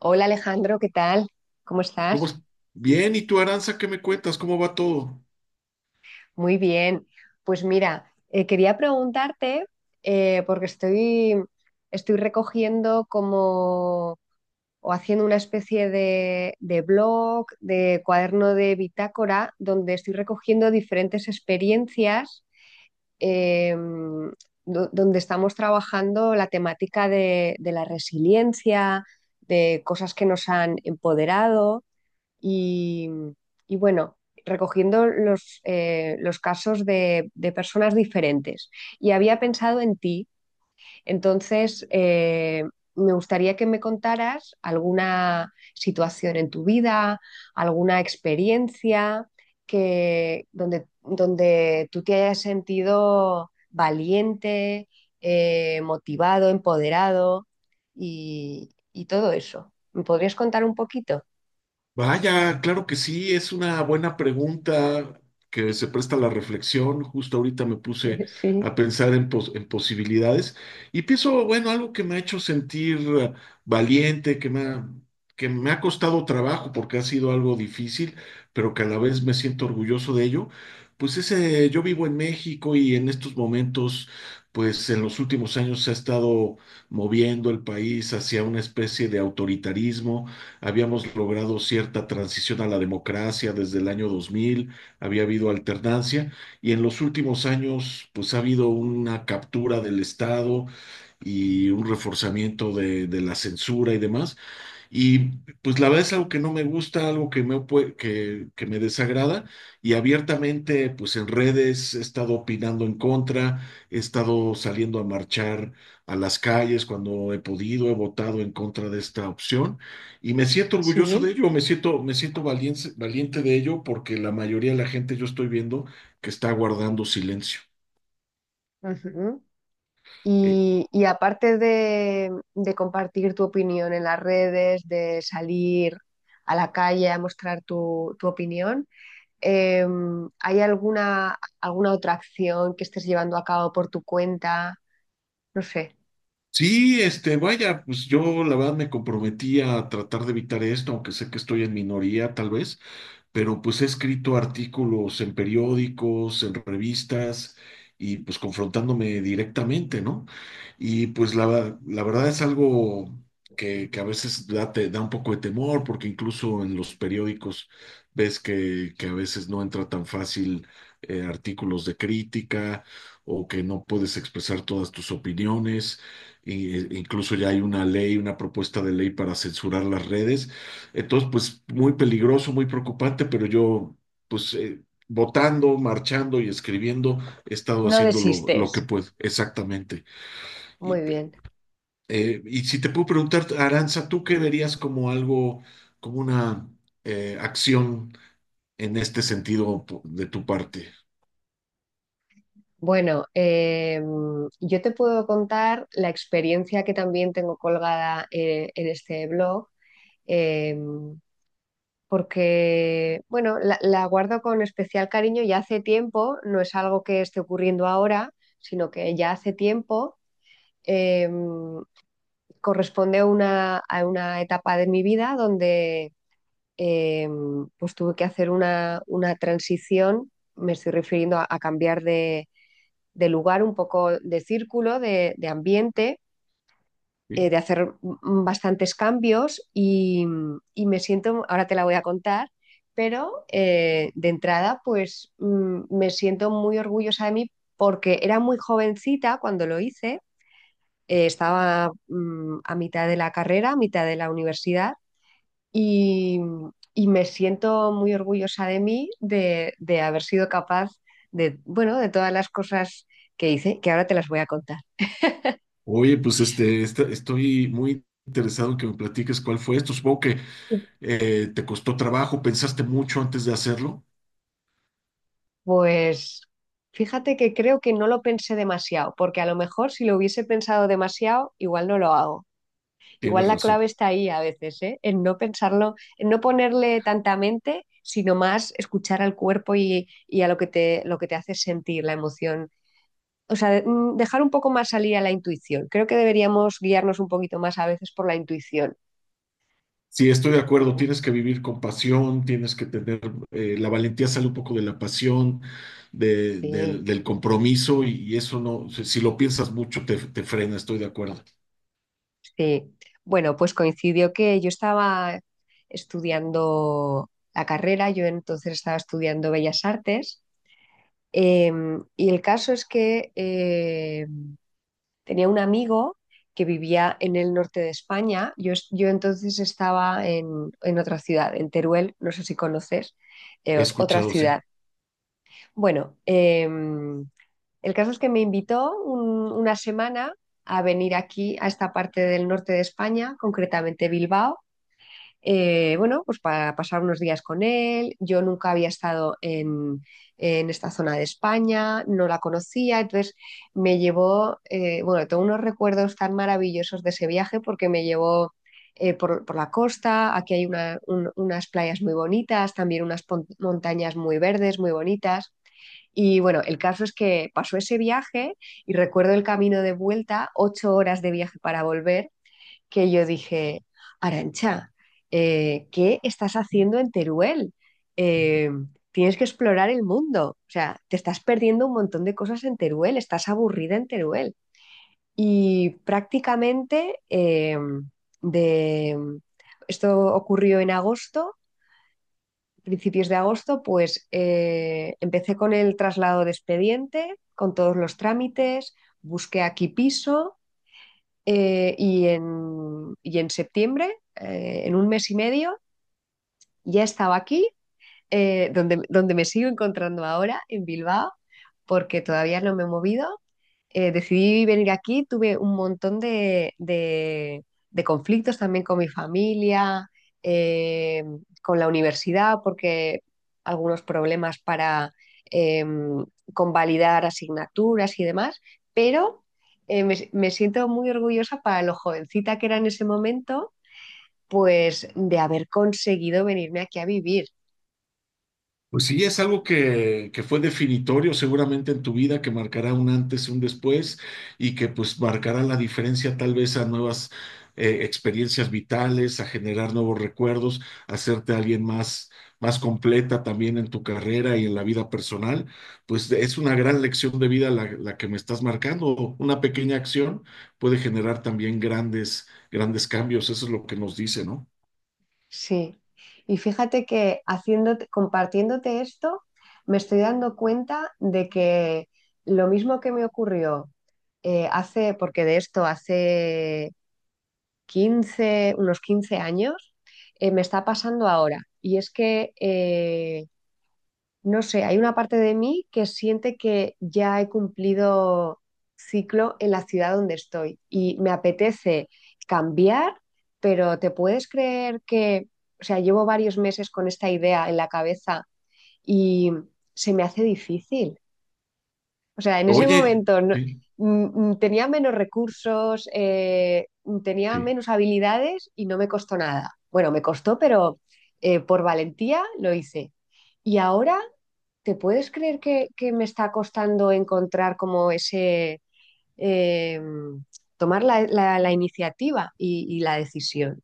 Hola Alejandro, ¿qué tal? ¿Cómo ¿Cómo es? estás? Bien, ¿y tú, Aranza, qué me cuentas? ¿Cómo va todo? Muy bien. Pues mira, quería preguntarte, porque estoy, estoy recogiendo como o haciendo una especie de blog, de cuaderno de bitácora, donde estoy recogiendo diferentes experiencias eh, donde estamos trabajando la temática de la resiliencia, de cosas que nos han empoderado. Y, y bueno, recogiendo los casos de personas diferentes. Y había pensado en ti, entonces me gustaría que me contaras alguna situación en tu vida, alguna experiencia que, donde, donde tú te hayas sentido valiente, motivado, empoderado y todo eso. ¿Me podrías contar un poquito? Vaya, claro que sí, es una buena pregunta que se presta a la reflexión. Justo ahorita me puse Sí, a pensar en posibilidades y pienso, bueno, algo que me ha hecho sentir valiente, que me ha costado trabajo porque ha sido algo difícil, pero que a la vez me siento orgulloso de ello. Pues ese, yo vivo en México y en estos momentos, pues en los últimos años se ha estado moviendo el país hacia una especie de autoritarismo. Habíamos logrado cierta transición a la democracia desde el año 2000, había habido alternancia, y en los últimos años pues ha habido una captura del Estado y un reforzamiento de la censura y demás. Y pues la verdad es algo que no me gusta, algo que me desagrada, y abiertamente pues en redes he estado opinando en contra, he estado saliendo a marchar a las calles cuando he podido, he votado en contra de esta opción y me siento orgulloso sí. de ello, me siento valiente, valiente de ello porque la mayoría de la gente yo estoy viendo que está guardando silencio. Ujú. Eh, Y aparte de compartir tu opinión en las redes, de salir a la calle a mostrar tu, tu opinión, eh, ¿hay alguna, alguna otra acción que estés llevando a cabo por tu cuenta? No sé. Sí, este, vaya, pues yo la verdad me comprometí a tratar de evitar esto, aunque sé que estoy en minoría tal vez, pero pues he escrito artículos en periódicos, en revistas, y pues confrontándome directamente, ¿no? Y pues la verdad es algo que a veces da, te da un poco de temor, porque incluso en los periódicos ves que a veces no entra tan fácil artículos de crítica o que no puedes expresar todas tus opiniones. Y, incluso ya hay una ley, una propuesta de ley para censurar las redes. Entonces, pues muy peligroso, muy preocupante, pero yo, pues votando, marchando y escribiendo, he estado No haciendo lo desistes. que puedo, exactamente. Muy Y, bien. Y si te puedo preguntar, Aranza, ¿tú qué verías como algo, como una acción en este sentido de tu parte? Bueno, yo te puedo contar la experiencia que también tengo colgada en este blog. Eh, porque, bueno, la guardo con especial cariño ya hace tiempo, no es algo que esté ocurriendo ahora, sino que ya hace tiempo eh, corresponde a una etapa de mi vida donde eh, pues tuve que hacer una transición, me estoy refiriendo a cambiar de lugar, un poco de círculo, de ambiente Sí. De hacer bastantes cambios y, me siento, ahora te la voy a contar, pero de entrada pues me siento muy orgullosa de mí porque era muy jovencita cuando lo hice, estaba a mitad de la carrera, a mitad de la universidad y, y me siento muy orgullosa de mí de haber sido capaz de, bueno, de todas las cosas que hice, que ahora te las voy a contar. Oye, pues estoy muy interesado en que me platiques cuál fue esto. Supongo que te costó trabajo, pensaste mucho antes de hacerlo. Pues fíjate que creo que no lo pensé demasiado, porque a lo mejor si lo hubiese pensado demasiado, igual no lo hago. Igual Tienes la razón. clave está ahí a veces, ¿eh? En no pensarlo, en no ponerle tanta mente, sino más escuchar al cuerpo y a lo que te hace sentir, la emoción. O sea, dejar un poco más salir a la intuición. Creo que deberíamos guiarnos un poquito más a veces por la intuición. Sí, estoy de acuerdo, tienes que vivir con pasión, tienes que tener, la valentía sale un poco de la pasión, de- del Sí. del compromiso, y eso no, si lo piensas mucho te frena, estoy de acuerdo. Sí, bueno, pues coincidió que yo estaba estudiando la carrera, yo entonces estaba estudiando Bellas Artes, eh, y el caso es que tenía un amigo que vivía en el norte de España, yo, yo entonces estaba en otra ciudad, en Teruel, no sé si conoces, He otra escuchado, sí. ciudad. Bueno, el caso es que me invitó una semana a venir aquí, a esta parte del norte de España, concretamente Bilbao. Bueno, pues para pasar unos días con él. Yo nunca había estado en esta zona de España, no la conocía, entonces me llevó, bueno, tengo unos recuerdos tan maravillosos de ese viaje porque me llevó por la costa, aquí hay unas playas muy bonitas, también unas montañas muy verdes, muy bonitas. Y bueno, el caso es que pasó ese viaje y recuerdo el camino de vuelta, 8 horas de viaje para volver, que yo dije, Arancha, ¿qué estás haciendo en Teruel? Eh, tienes que explorar el mundo. O sea, te estás perdiendo un montón de cosas en Teruel, estás aburrida en Teruel. Y prácticamente de esto ocurrió en agosto, principios de agosto, pues empecé con el traslado de expediente, con todos los trámites, busqué aquí piso y en septiembre, en un mes y medio, ya estaba aquí donde, donde me sigo encontrando ahora, en Bilbao, porque todavía no me he movido. Decidí venir aquí, tuve un montón de, de conflictos también con mi familia, eh, con la universidad, porque algunos problemas para em, convalidar asignaturas y demás, pero me, me siento muy orgullosa para lo jovencita que era en ese momento, pues de haber conseguido venirme aquí a vivir. Pues sí, es algo que fue definitorio seguramente en tu vida, que marcará un antes y un después, y que pues marcará la diferencia tal vez a nuevas experiencias vitales, a generar nuevos recuerdos, a hacerte alguien más, más completa también en tu carrera y en la vida personal. Pues es una gran lección de vida la que me estás marcando. Una pequeña acción puede generar también grandes, grandes cambios. Eso es lo que nos dice, ¿no? Sí, y fíjate que haciéndote, compartiéndote esto, me estoy dando cuenta de que lo mismo que me ocurrió hace, porque de esto hace 15 unos 15 años, me está pasando ahora. Y es que no sé, hay una parte de mí que siente que ya he cumplido ciclo en la ciudad donde estoy y me apetece cambiar, pero ¿te puedes creer que, o sea, llevo varios meses con esta idea en la cabeza y se me hace difícil? O sea, en ese Oye, momento sí, tenía menos recursos, tenía sí. menos habilidades y no me costó nada. Bueno, me costó, pero por valentía lo hice. Y ahora... ¿Te puedes creer que me está costando encontrar como ese, eh, tomar la, la iniciativa y la decisión?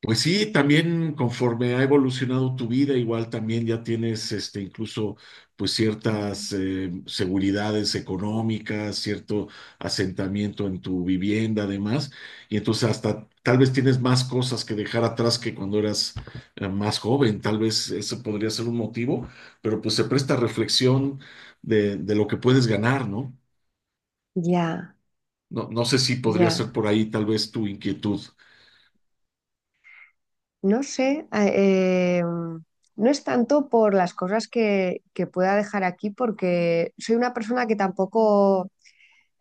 Pues sí, también conforme ha evolucionado tu vida, igual también ya tienes este incluso pues ciertas seguridades económicas, cierto asentamiento en tu vivienda, además, y entonces hasta tal vez tienes más cosas que dejar atrás que cuando eras más joven, tal vez ese podría ser un motivo, pero pues se presta reflexión de lo que puedes ganar, ¿no? Ya, No, no sé si podría ser ya. por ahí tal vez tu inquietud. No sé, no es tanto por las cosas que pueda dejar aquí, porque soy una persona que tampoco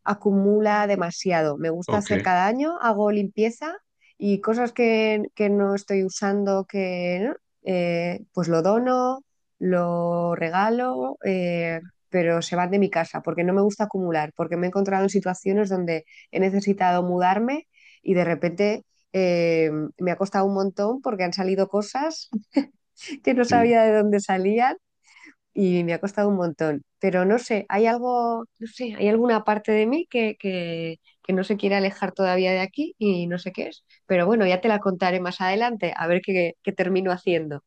acumula demasiado. Me gusta Ok, hacer cada año, hago limpieza y cosas que no estoy usando, que ¿no? Pues lo dono, lo regalo, pero se van de mi casa porque no me gusta acumular, porque me he encontrado en situaciones donde he necesitado mudarme y de repente... eh, me ha costado un montón porque han salido cosas que no sí. sabía de dónde salían y me ha costado un montón. Pero no sé, hay algo, no sé, hay alguna parte de mí que no se quiere alejar todavía de aquí y no sé qué es. Pero bueno, ya te la contaré más adelante, a ver qué, qué termino haciendo.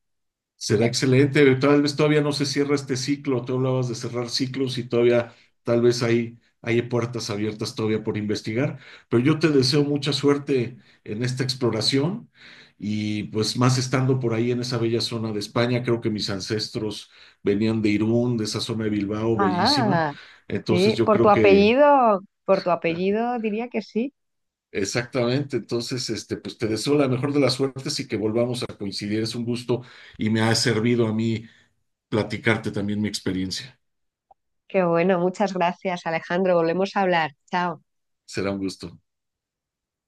Será excelente. Tal vez todavía no se cierra este ciclo. Tú hablabas de cerrar ciclos y todavía tal vez hay, hay puertas abiertas todavía por investigar. Pero yo te deseo mucha suerte en esta exploración, y pues más estando por ahí en esa bella zona de España. Creo que mis ancestros venían de Irún, de esa zona de Bilbao, bellísima. Ah, Entonces sí, yo creo que por tu apellido diría que sí. exactamente, entonces, este, pues te deseo la mejor de las suertes y que volvamos a coincidir. Es un gusto, y me ha servido a mí platicarte también mi experiencia. Qué bueno, muchas gracias, Alejandro. Volvemos a hablar. Chao. Será un gusto.